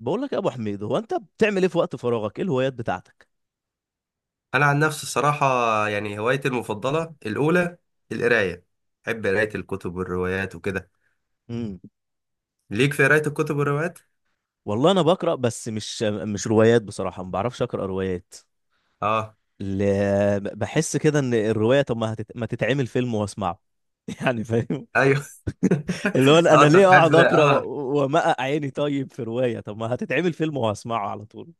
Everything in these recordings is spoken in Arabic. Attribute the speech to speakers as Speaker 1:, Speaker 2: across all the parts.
Speaker 1: بقول لك يا ابو حميد، هو انت بتعمل ايه في وقت فراغك؟ ايه الهوايات بتاعتك؟
Speaker 2: انا عن نفسي الصراحه. يعني هوايتي المفضله الاولى القرايه. بحب قرايه الكتب والروايات وكده.
Speaker 1: امم.
Speaker 2: ليك في قرايه الكتب والروايات.
Speaker 1: والله انا بقرا، بس مش روايات بصراحه، ما بعرفش اقرا روايات.
Speaker 2: اه
Speaker 1: ل... بحس كده ان الروايه، طب ما تتعمل فيلم واسمعه؟ يعني فاهم.
Speaker 2: ايوه.
Speaker 1: اللي هو انا
Speaker 2: اه،
Speaker 1: أنا
Speaker 2: انت
Speaker 1: ليه
Speaker 2: بتحب.
Speaker 1: اقعد اقرا
Speaker 2: اه،
Speaker 1: وامقق عيني؟ طيب في روايه، طب ما هتتعمل فيلم وهسمعه على طول.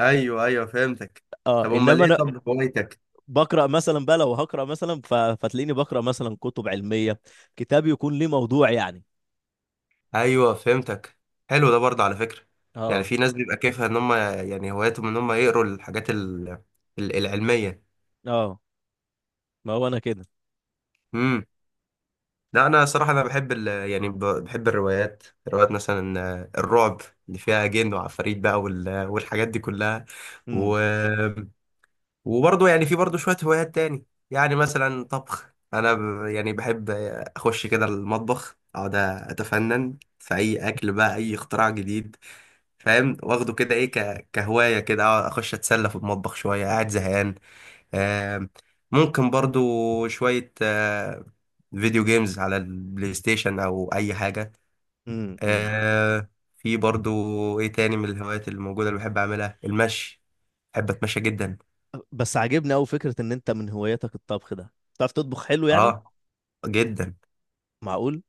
Speaker 2: ايوه ايوه فهمتك.
Speaker 1: اه،
Speaker 2: طب امال
Speaker 1: انما
Speaker 2: ايه؟
Speaker 1: انا
Speaker 2: طب هوايتك؟
Speaker 1: بقرا مثلا بقى، لو هقرا مثلا فتلاقيني بقرا مثلا كتب علميه، كتاب يكون ليه موضوع يعني.
Speaker 2: ايوه فهمتك. حلو ده برضه على فكره. يعني
Speaker 1: اه
Speaker 2: في ناس بيبقى كيفها ان هم، يعني هواياتهم ان هم يقروا الحاجات العلميه
Speaker 1: اه. ما هو انا كده.
Speaker 2: إمم. لا انا صراحه انا بحب يعني بحب الروايات. روايات مثلا الرعب، اللي فيها جن وعفاريت بقى والحاجات دي كلها.
Speaker 1: امم
Speaker 2: و... وبرضه يعني في برضه شويه هوايات تاني. يعني مثلا طبخ، انا يعني بحب اخش كده المطبخ، اقعد اتفنن في اي اكل بقى، اي اختراع جديد. فاهم. واخده كده ايه، كهوايه كده اقعد اخش اتسلى في المطبخ شويه قاعد زهقان. آه، ممكن برضو شوية فيديو جيمز على البلاي ستيشن أو أي حاجة.
Speaker 1: امم.
Speaker 2: آه، في برضو إيه تاني من الهوايات اللي موجودة، اللي بحب أعملها المشي. بحب أتمشى جدا.
Speaker 1: بس عاجبني قوي فكرة ان انت من هواياتك الطبخ ده. بتعرف تطبخ حلو يعني؟
Speaker 2: أه، جدا.
Speaker 1: معقول.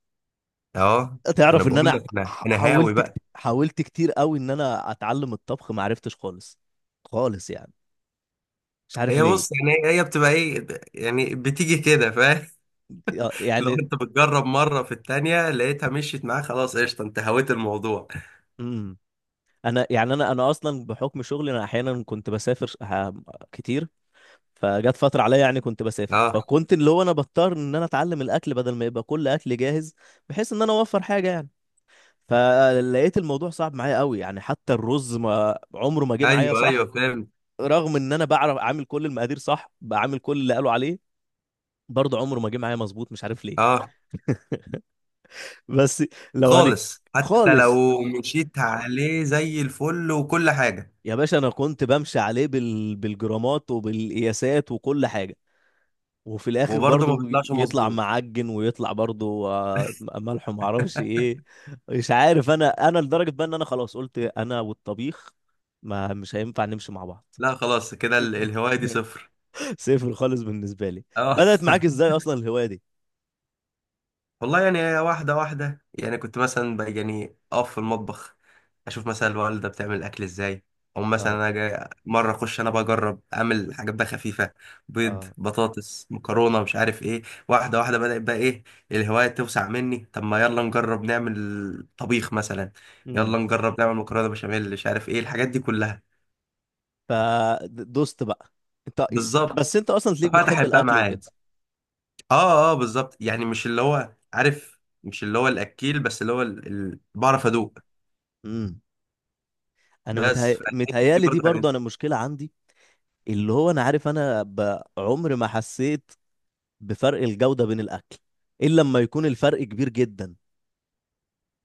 Speaker 2: أه، أنا
Speaker 1: تعرف ان
Speaker 2: بقول
Speaker 1: انا
Speaker 2: لك. أنا أنا هاوي
Speaker 1: حاولت
Speaker 2: بقى.
Speaker 1: كتير قوي ان انا اتعلم الطبخ، ما عرفتش خالص. خالص يعني. مش عارف
Speaker 2: هي بص
Speaker 1: ليه.
Speaker 2: يعني. هي بتبقى إيه، يعني بتيجي كده، فاهم. لو
Speaker 1: يعني.
Speaker 2: أنت بتجرب مرة في التانية لقيتها مشيت معاك، خلاص قشطة، أنت هويت الموضوع.
Speaker 1: امم. انا يعني انا اصلا بحكم شغلي، انا احيانا كنت بسافر كتير. فجت فترة عليا يعني كنت بسافر،
Speaker 2: أه،
Speaker 1: فكنت اللي هو انا بضطر ان انا اتعلم الاكل بدل ما يبقى كل اكل جاهز، بحيث ان انا اوفر حاجة يعني. فلقيت الموضوع صعب معايا قوي، يعني حتى الرز ما عمره ما جه معايا
Speaker 2: أيوه أيوه
Speaker 1: صح،
Speaker 2: فاهم.
Speaker 1: رغم ان انا بعرف اعمل كل المقادير صح، بعمل كل اللي قالوا عليه، برضه عمره ما جه معايا مظبوط. مش عارف ليه.
Speaker 2: أه،
Speaker 1: بس لو هنك
Speaker 2: خالص. حتى
Speaker 1: خالص.
Speaker 2: لو مشيت عليه زي الفل وكل حاجة.
Speaker 1: يا باشا، انا كنت بمشي عليه بالجرامات وبالقياسات وكل حاجه، وفي الاخر
Speaker 2: وبرضه ما
Speaker 1: برضه
Speaker 2: بيطلعش
Speaker 1: يطلع
Speaker 2: مظبوط.
Speaker 1: معجن ويطلع برضه ملح وما اعرفش ايه. مش عارف، انا لدرجه بقى ان انا خلاص قلت انا والطبيخ ما مش هينفع نمشي مع بعض.
Speaker 2: لا خلاص، كده الهواية دي صفر.
Speaker 1: صفر خالص بالنسبة لي.
Speaker 2: اه.
Speaker 1: بدأت معاك ازاي اصلا الهواية دي؟
Speaker 2: والله يعني، واحدة واحدة، يعني كنت مثلا بقى يعني أقف في المطبخ، أشوف مثلا الوالدة بتعمل الأكل إزاي. أو مثلا
Speaker 1: اه
Speaker 2: أنا جاي مرة أخش أنا بجرب أعمل حاجات بقى خفيفة. بيض،
Speaker 1: اه.
Speaker 2: بطاطس، مكرونة، مش عارف إيه. واحدة واحدة بدأت بقى إيه. الهواية توسع مني. طب ما يلا نجرب نعمل طبيخ مثلا.
Speaker 1: امم.
Speaker 2: يلا نجرب نعمل مكرونة بشاميل مش عارف إيه الحاجات دي كلها.
Speaker 1: فدوست بقى انت.
Speaker 2: بالظبط.
Speaker 1: بس انت اصلا ليك بتحب
Speaker 2: ففتحت بقى
Speaker 1: الاكل
Speaker 2: معايا.
Speaker 1: وكده.
Speaker 2: آه آه، بالظبط. يعني مش اللي هو عارف، مش اللي هو الأكيل، بس اللي هو بعرف أدوق.
Speaker 1: امم. انا
Speaker 2: بس فالحتة دي
Speaker 1: متهيالي دي
Speaker 2: برضه حاجة.
Speaker 1: برضو انا مشكلة عندي، اللي هو انا عارف انا عمري ما حسيت بفرق الجودة بين الاكل، الا لما يكون الفرق كبير جدا.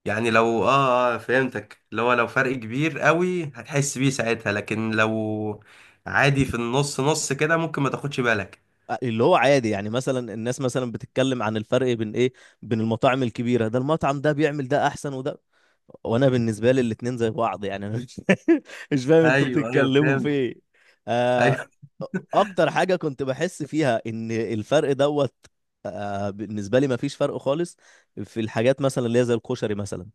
Speaker 2: يعني لو اه اه فهمتك، اللي هو لو فرق كبير قوي هتحس بيه ساعتها. لكن لو عادي في النص نص كده ممكن ما تاخدش بالك.
Speaker 1: اللي هو عادي يعني، مثلا الناس مثلا بتتكلم عن الفرق بين ايه، بين المطاعم الكبيره، ده المطعم ده بيعمل ده احسن وده، وانا بالنسبه لي الاتنين زي بعض يعني. انا مش مش فاهم انتوا
Speaker 2: ايوه ايوه
Speaker 1: بتتكلموا في
Speaker 2: فهمت.
Speaker 1: ايه. آه.
Speaker 2: ايوه.
Speaker 1: اكتر حاجه كنت بحس فيها ان الفرق دوت، بالنسبه لي مفيش فرق خالص، في الحاجات مثلا اللي هي زي الكشري مثلا.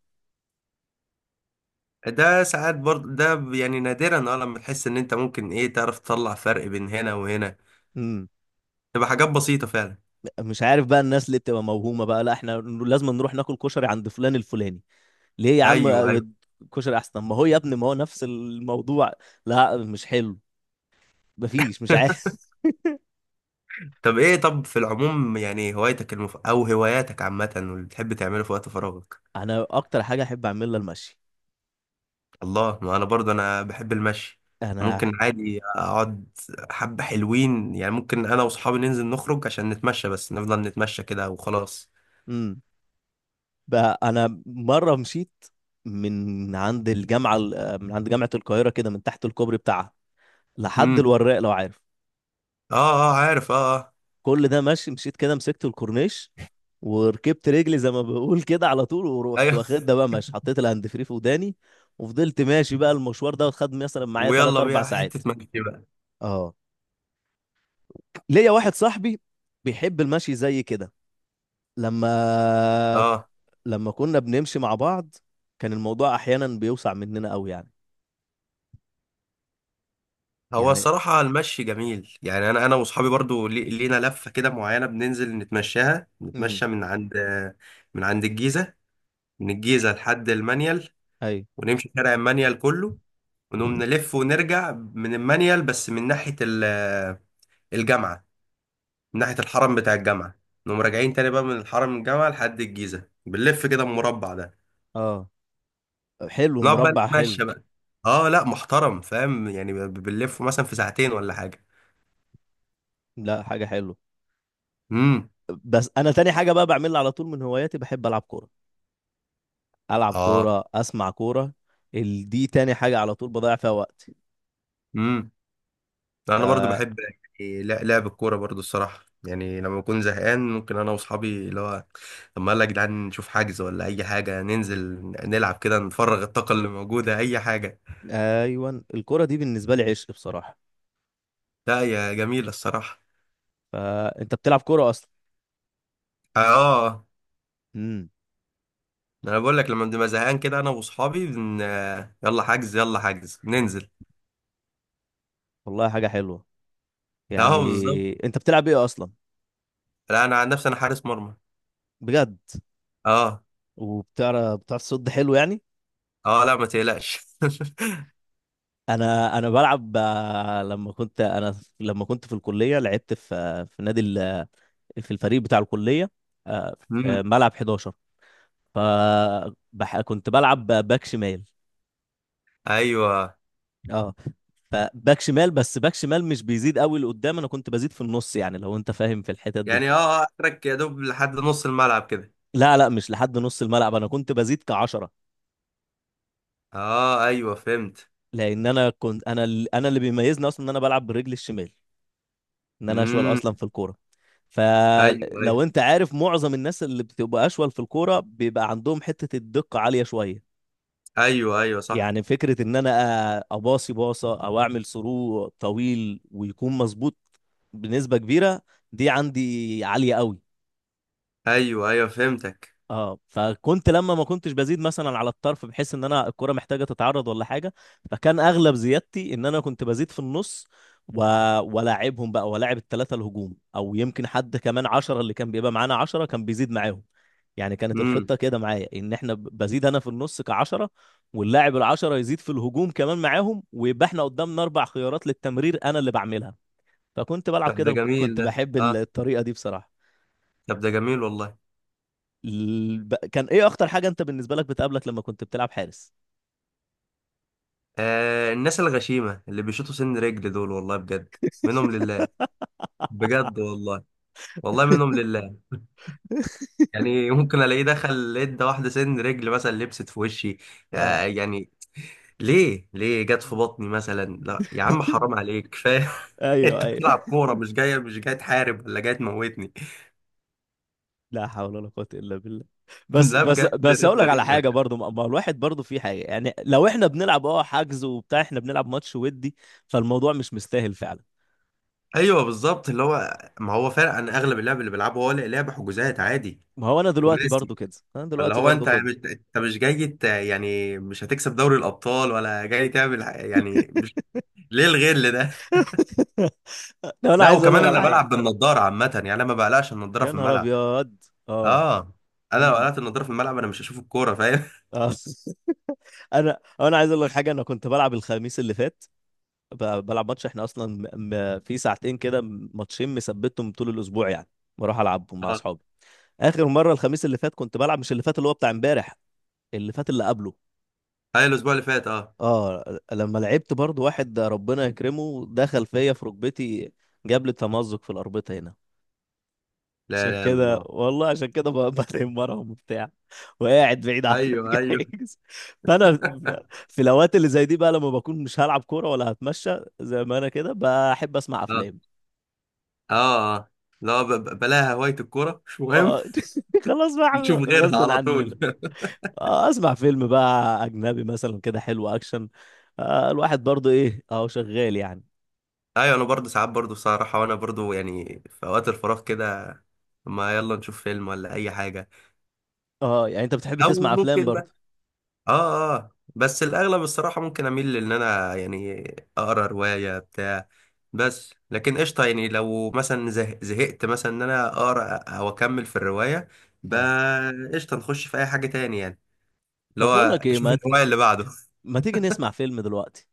Speaker 2: ده ساعات برضه، ده يعني نادرا اه لما تحس ان انت ممكن ايه تعرف تطلع فرق بين هنا وهنا.
Speaker 1: مم.
Speaker 2: تبقى حاجات بسيطة فعلا.
Speaker 1: مش عارف بقى، الناس اللي بتبقى موهومه بقى: لا، احنا لازم نروح ناكل كشري عند فلان الفلاني. ليه يا عم؟
Speaker 2: ايوه ايوه.
Speaker 1: كشري احسن ما هو يا ابني! ما هو نفس الموضوع. لا مش حلو. مفيش، مش عارف.
Speaker 2: طب ايه، طب في العموم، يعني هوايتك او هواياتك عامة، واللي بتحب تعمله في وقت فراغك؟
Speaker 1: انا اكتر حاجه احب اعملها المشي.
Speaker 2: الله، ما انا برضه انا بحب المشي.
Speaker 1: انا.
Speaker 2: ممكن عادي اقعد. حبة حلوين يعني. ممكن انا واصحابي ننزل نخرج عشان نتمشى، بس نفضل نتمشى كده وخلاص.
Speaker 1: امم. بقى انا مره مشيت من عند الجامعه، من عند جامعه القاهره كده، من تحت الكوبري بتاعها لحد
Speaker 2: امم.
Speaker 1: الوراق، لو عارف.
Speaker 2: اه. اه، عارف. اه اه.
Speaker 1: كل ده ماشي. مشيت كده، مسكت الكورنيش وركبت رجلي زي ما بقول كده على طول، ورحت
Speaker 2: ايوه.
Speaker 1: واخد ده بقى ماشي، حطيت الهاند فري في وداني وفضلت ماشي بقى المشوار ده، وخد مثلا معايا 3
Speaker 2: ويلا
Speaker 1: 4
Speaker 2: بيها حتة
Speaker 1: ساعات.
Speaker 2: مشي بقى.
Speaker 1: اه. ليا واحد صاحبي بيحب المشي زي كده. لما
Speaker 2: اه.
Speaker 1: لما كنا بنمشي مع بعض، كان الموضوع احيانا بيوسع مننا قوي يعني.
Speaker 2: هو
Speaker 1: يعني.
Speaker 2: الصراحة المشي جميل. يعني انا واصحابي برضه لينا لفة كده معينة، بننزل نتمشاها،
Speaker 1: امم.
Speaker 2: نتمشى من عند الجيزة، من الجيزة لحد المنيل،
Speaker 1: اي.
Speaker 2: ونمشي شارع المنيل كله، ونقوم نلف ونرجع من المانيال، بس من ناحية الجامعة من ناحية الحرم بتاع الجامعة. نقوم راجعين تاني بقى من الحرم الجامعة لحد الجيزة، بنلف كده المربع ده.
Speaker 1: اه. حلو،
Speaker 2: نقعد بقى
Speaker 1: مربع حلو.
Speaker 2: نتمشى بقى. اه لا محترم، فاهم يعني، بنلف مثلا في ساعتين ولا حاجة.
Speaker 1: لا، حاجه حلوه.
Speaker 2: امم.
Speaker 1: بس انا تاني حاجه بقى بعملها على طول من هواياتي، بحب العب كوره. العب
Speaker 2: اه.
Speaker 1: كوره، اسمع كوره. دي تاني حاجه على طول بضيع فيها وقتي.
Speaker 2: امم.
Speaker 1: ف
Speaker 2: انا برضو بحب يعني لعب الكورة برضو الصراحة. يعني لما بكون زهقان، ممكن انا واصحابي اللي هو، طب ما يلا يا جدعان نشوف حجز ولا اي حاجة، ننزل نلعب كده، نفرغ الطاقة اللي موجودة، اي حاجة.
Speaker 1: ايوه، الكوره دي بالنسبه لي عشق بصراحه.
Speaker 2: لا يا جميلة الصراحة.
Speaker 1: فانت بتلعب كوره اصلا؟
Speaker 2: اه،
Speaker 1: امم.
Speaker 2: انا بقول لك لما بنبقى زهقان كده انا واصحابي بن... آه، يلا حجز يلا حجز ننزل.
Speaker 1: والله، حاجه حلوه
Speaker 2: اه
Speaker 1: يعني.
Speaker 2: بالظبط.
Speaker 1: انت بتلعب ايه اصلا؟
Speaker 2: لا انا عن نفسي انا حارس مرمى.
Speaker 1: بجد.
Speaker 2: اه.
Speaker 1: وبتعرف، بتعرف تصد حلو يعني؟
Speaker 2: اه، لا ما تقلقش.
Speaker 1: انا بلعب، لما كنت انا، لما كنت في الكليه لعبت في في نادي في الفريق بتاع الكليه، آه، في
Speaker 2: امم.
Speaker 1: ملعب 11. ف كنت بلعب باك شمال.
Speaker 2: ايوه
Speaker 1: اه، فباك شمال، بس باك شمال مش بيزيد قوي لقدام، انا كنت بزيد في النص، يعني لو انت فاهم في الحتت دي.
Speaker 2: يعني. اه اه، اخرك يا دوب لحد نص الملعب كده.
Speaker 1: لا لا، مش لحد نص الملعب، انا كنت بزيد كعشرة.
Speaker 2: اه، ايوه فهمت.
Speaker 1: لان انا كنت انا اللي بيميزني اصلا ان انا بلعب برجلي الشمال، ان انا اشول اصلا
Speaker 2: امم.
Speaker 1: في الكوره.
Speaker 2: ايوه
Speaker 1: فلو
Speaker 2: ايوه.
Speaker 1: انت عارف، معظم الناس اللي بتبقى اشول في الكوره بيبقى عندهم حته الدقه عاليه شويه.
Speaker 2: ايوه ايوه صح.
Speaker 1: يعني فكره ان انا اباصي باصه او اعمل ثرو طويل ويكون مظبوط بنسبه كبيره، دي عندي عاليه قوي.
Speaker 2: ايوه ايوه فهمتك.
Speaker 1: اه، فكنت لما ما كنتش بزيد مثلا على الطرف، بحيث ان انا الكرة محتاجة تتعرض ولا حاجة، فكان اغلب زيادتي ان انا كنت بزيد في النص و... ولاعبهم بقى، ولاعب الثلاثة الهجوم، او يمكن حد كمان عشرة اللي كان بيبقى معانا، عشرة كان بيزيد معاهم يعني. كانت
Speaker 2: امم.
Speaker 1: الخطة كده معايا، ان احنا بزيد انا في النص كعشرة، واللاعب العشرة يزيد في الهجوم كمان معاهم، ويبقى احنا قدامنا اربع خيارات للتمرير انا اللي بعملها. فكنت بلعب
Speaker 2: طب ده
Speaker 1: كده،
Speaker 2: جميل
Speaker 1: كنت
Speaker 2: ده.
Speaker 1: بحب
Speaker 2: اه.
Speaker 1: الطريقة دي بصراحة.
Speaker 2: طب ده جميل والله.
Speaker 1: كان ايه اخطر حاجة انت بالنسبة لك بتقابلك لما كنت بتلعب حارس؟
Speaker 2: آه الناس الغشيمة اللي بيشوطوا سن رجل دول، والله بجد، منهم لله. بجد والله. والله منهم لله. يعني ممكن الاقيه دخل ادى واحدة سن رجل مثلا لبست في وشي،
Speaker 1: اه،
Speaker 2: آه يعني. ليه، ليه جت في بطني مثلا؟ لا يا عم، حرام عليك، كفاية.
Speaker 1: ايوه
Speaker 2: انت
Speaker 1: ايوه.
Speaker 2: بتلعب كورة، مش جاي تحارب ولا جاي تموتني.
Speaker 1: لا حول ولا قوة الا بالله. بس
Speaker 2: لا
Speaker 1: بس
Speaker 2: بجد
Speaker 1: بس
Speaker 2: ناس
Speaker 1: اقول لك على
Speaker 2: غريبة.
Speaker 1: حاجة برضو، ما الواحد برضو في حاجة يعني، لو احنا بنلعب حجز وبتاع، احنا بنلعب ماتش ودي، فالموضوع مش مستاهل فعلا.
Speaker 2: ايوه بالظبط، اللي هو ما هو فعلا عن اغلب اللعب اللي بيلعبه، هو لا لعب حجوزات عادي.
Speaker 1: ما هو انا دلوقتي
Speaker 2: خماسي.
Speaker 1: برضو كده، انا
Speaker 2: اللي
Speaker 1: دلوقتي
Speaker 2: هو
Speaker 1: برضو
Speaker 2: انت
Speaker 1: كده.
Speaker 2: مش انت مش جاي يعني مش هتكسب دوري الابطال، ولا جاي تعمل يعني مش، ليه الغل ده؟
Speaker 1: لو انا
Speaker 2: لا
Speaker 1: عايز اقول
Speaker 2: وكمان
Speaker 1: لك على
Speaker 2: انا
Speaker 1: حاجة.
Speaker 2: بلعب بالنضاره عامه، يعني انا ما بقلقش النضاره
Speaker 1: يا
Speaker 2: في
Speaker 1: نهار
Speaker 2: الملعب.
Speaker 1: ابيض! اه.
Speaker 2: اه. انا لو
Speaker 1: أمم.
Speaker 2: قلقت النضاره في الملعب انا مش هشوف الكوره، فاهم.
Speaker 1: اه. انا عايز اقول لك حاجة، انا كنت بلعب الخميس اللي فات. بلعب ماتش احنا اصلا في ساعتين كده، ماتشين مثبتهم طول الاسبوع يعني، بروح العبهم مع
Speaker 2: اه،
Speaker 1: اصحابي. اخر مره الخميس اللي فات كنت بلعب، مش اللي فات اللي هو بتاع امبارح، اللي فات اللي قبله.
Speaker 2: هاي الاسبوع اللي فات. اه.
Speaker 1: اه، لما لعبت برضو، واحد ربنا يكرمه دخل فيا في ركبتي، جاب لي تمزق في الاربطه هنا. عشان
Speaker 2: لا لا
Speaker 1: كده
Speaker 2: الله.
Speaker 1: والله، عشان كده بنام وراهم وبتاع، وقاعد بعيد
Speaker 2: ايوه
Speaker 1: عنك.
Speaker 2: ايوه.
Speaker 1: فانا في الاوقات اللي زي دي بقى، لما بكون مش هلعب كوره ولا هتمشى زي ما انا كده، بحب اسمع
Speaker 2: اه
Speaker 1: افلام.
Speaker 2: اه. اه. لا بلاها هوايه الكوره، مش مهم.
Speaker 1: اه. خلاص
Speaker 2: نشوف
Speaker 1: بقى،
Speaker 2: غيرها
Speaker 1: غصب
Speaker 2: على
Speaker 1: عننا.
Speaker 2: طول.
Speaker 1: اسمع فيلم بقى اجنبي مثلا كده حلو، اكشن. الواحد برضو ايه، اهو شغال يعني.
Speaker 2: ايوه، انا برضه ساعات برضه صراحه، وانا برضه يعني في اوقات الفراغ كده، ما يلا نشوف فيلم ولا اي حاجه.
Speaker 1: اه يعني، انت بتحب
Speaker 2: او
Speaker 1: تسمع افلام
Speaker 2: ممكن بقى.
Speaker 1: برضو؟
Speaker 2: اه اه، بس الاغلب الصراحه ممكن اميل ان انا يعني اقرا روايه بتاع. بس لكن قشطه. يعني لو مثلا زهقت مثلا ان انا اقرا او اكمل في الروايه
Speaker 1: اه.
Speaker 2: بقى، قشطه نخش في اي حاجه تاني يعني. اللي
Speaker 1: طب بقول لك
Speaker 2: هو
Speaker 1: ايه،
Speaker 2: شوف الهوايه اللي بعده.
Speaker 1: ما تيجي نسمع فيلم دلوقتي؟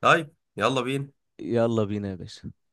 Speaker 2: طيب يلا بينا.
Speaker 1: يلا بينا يا باشا.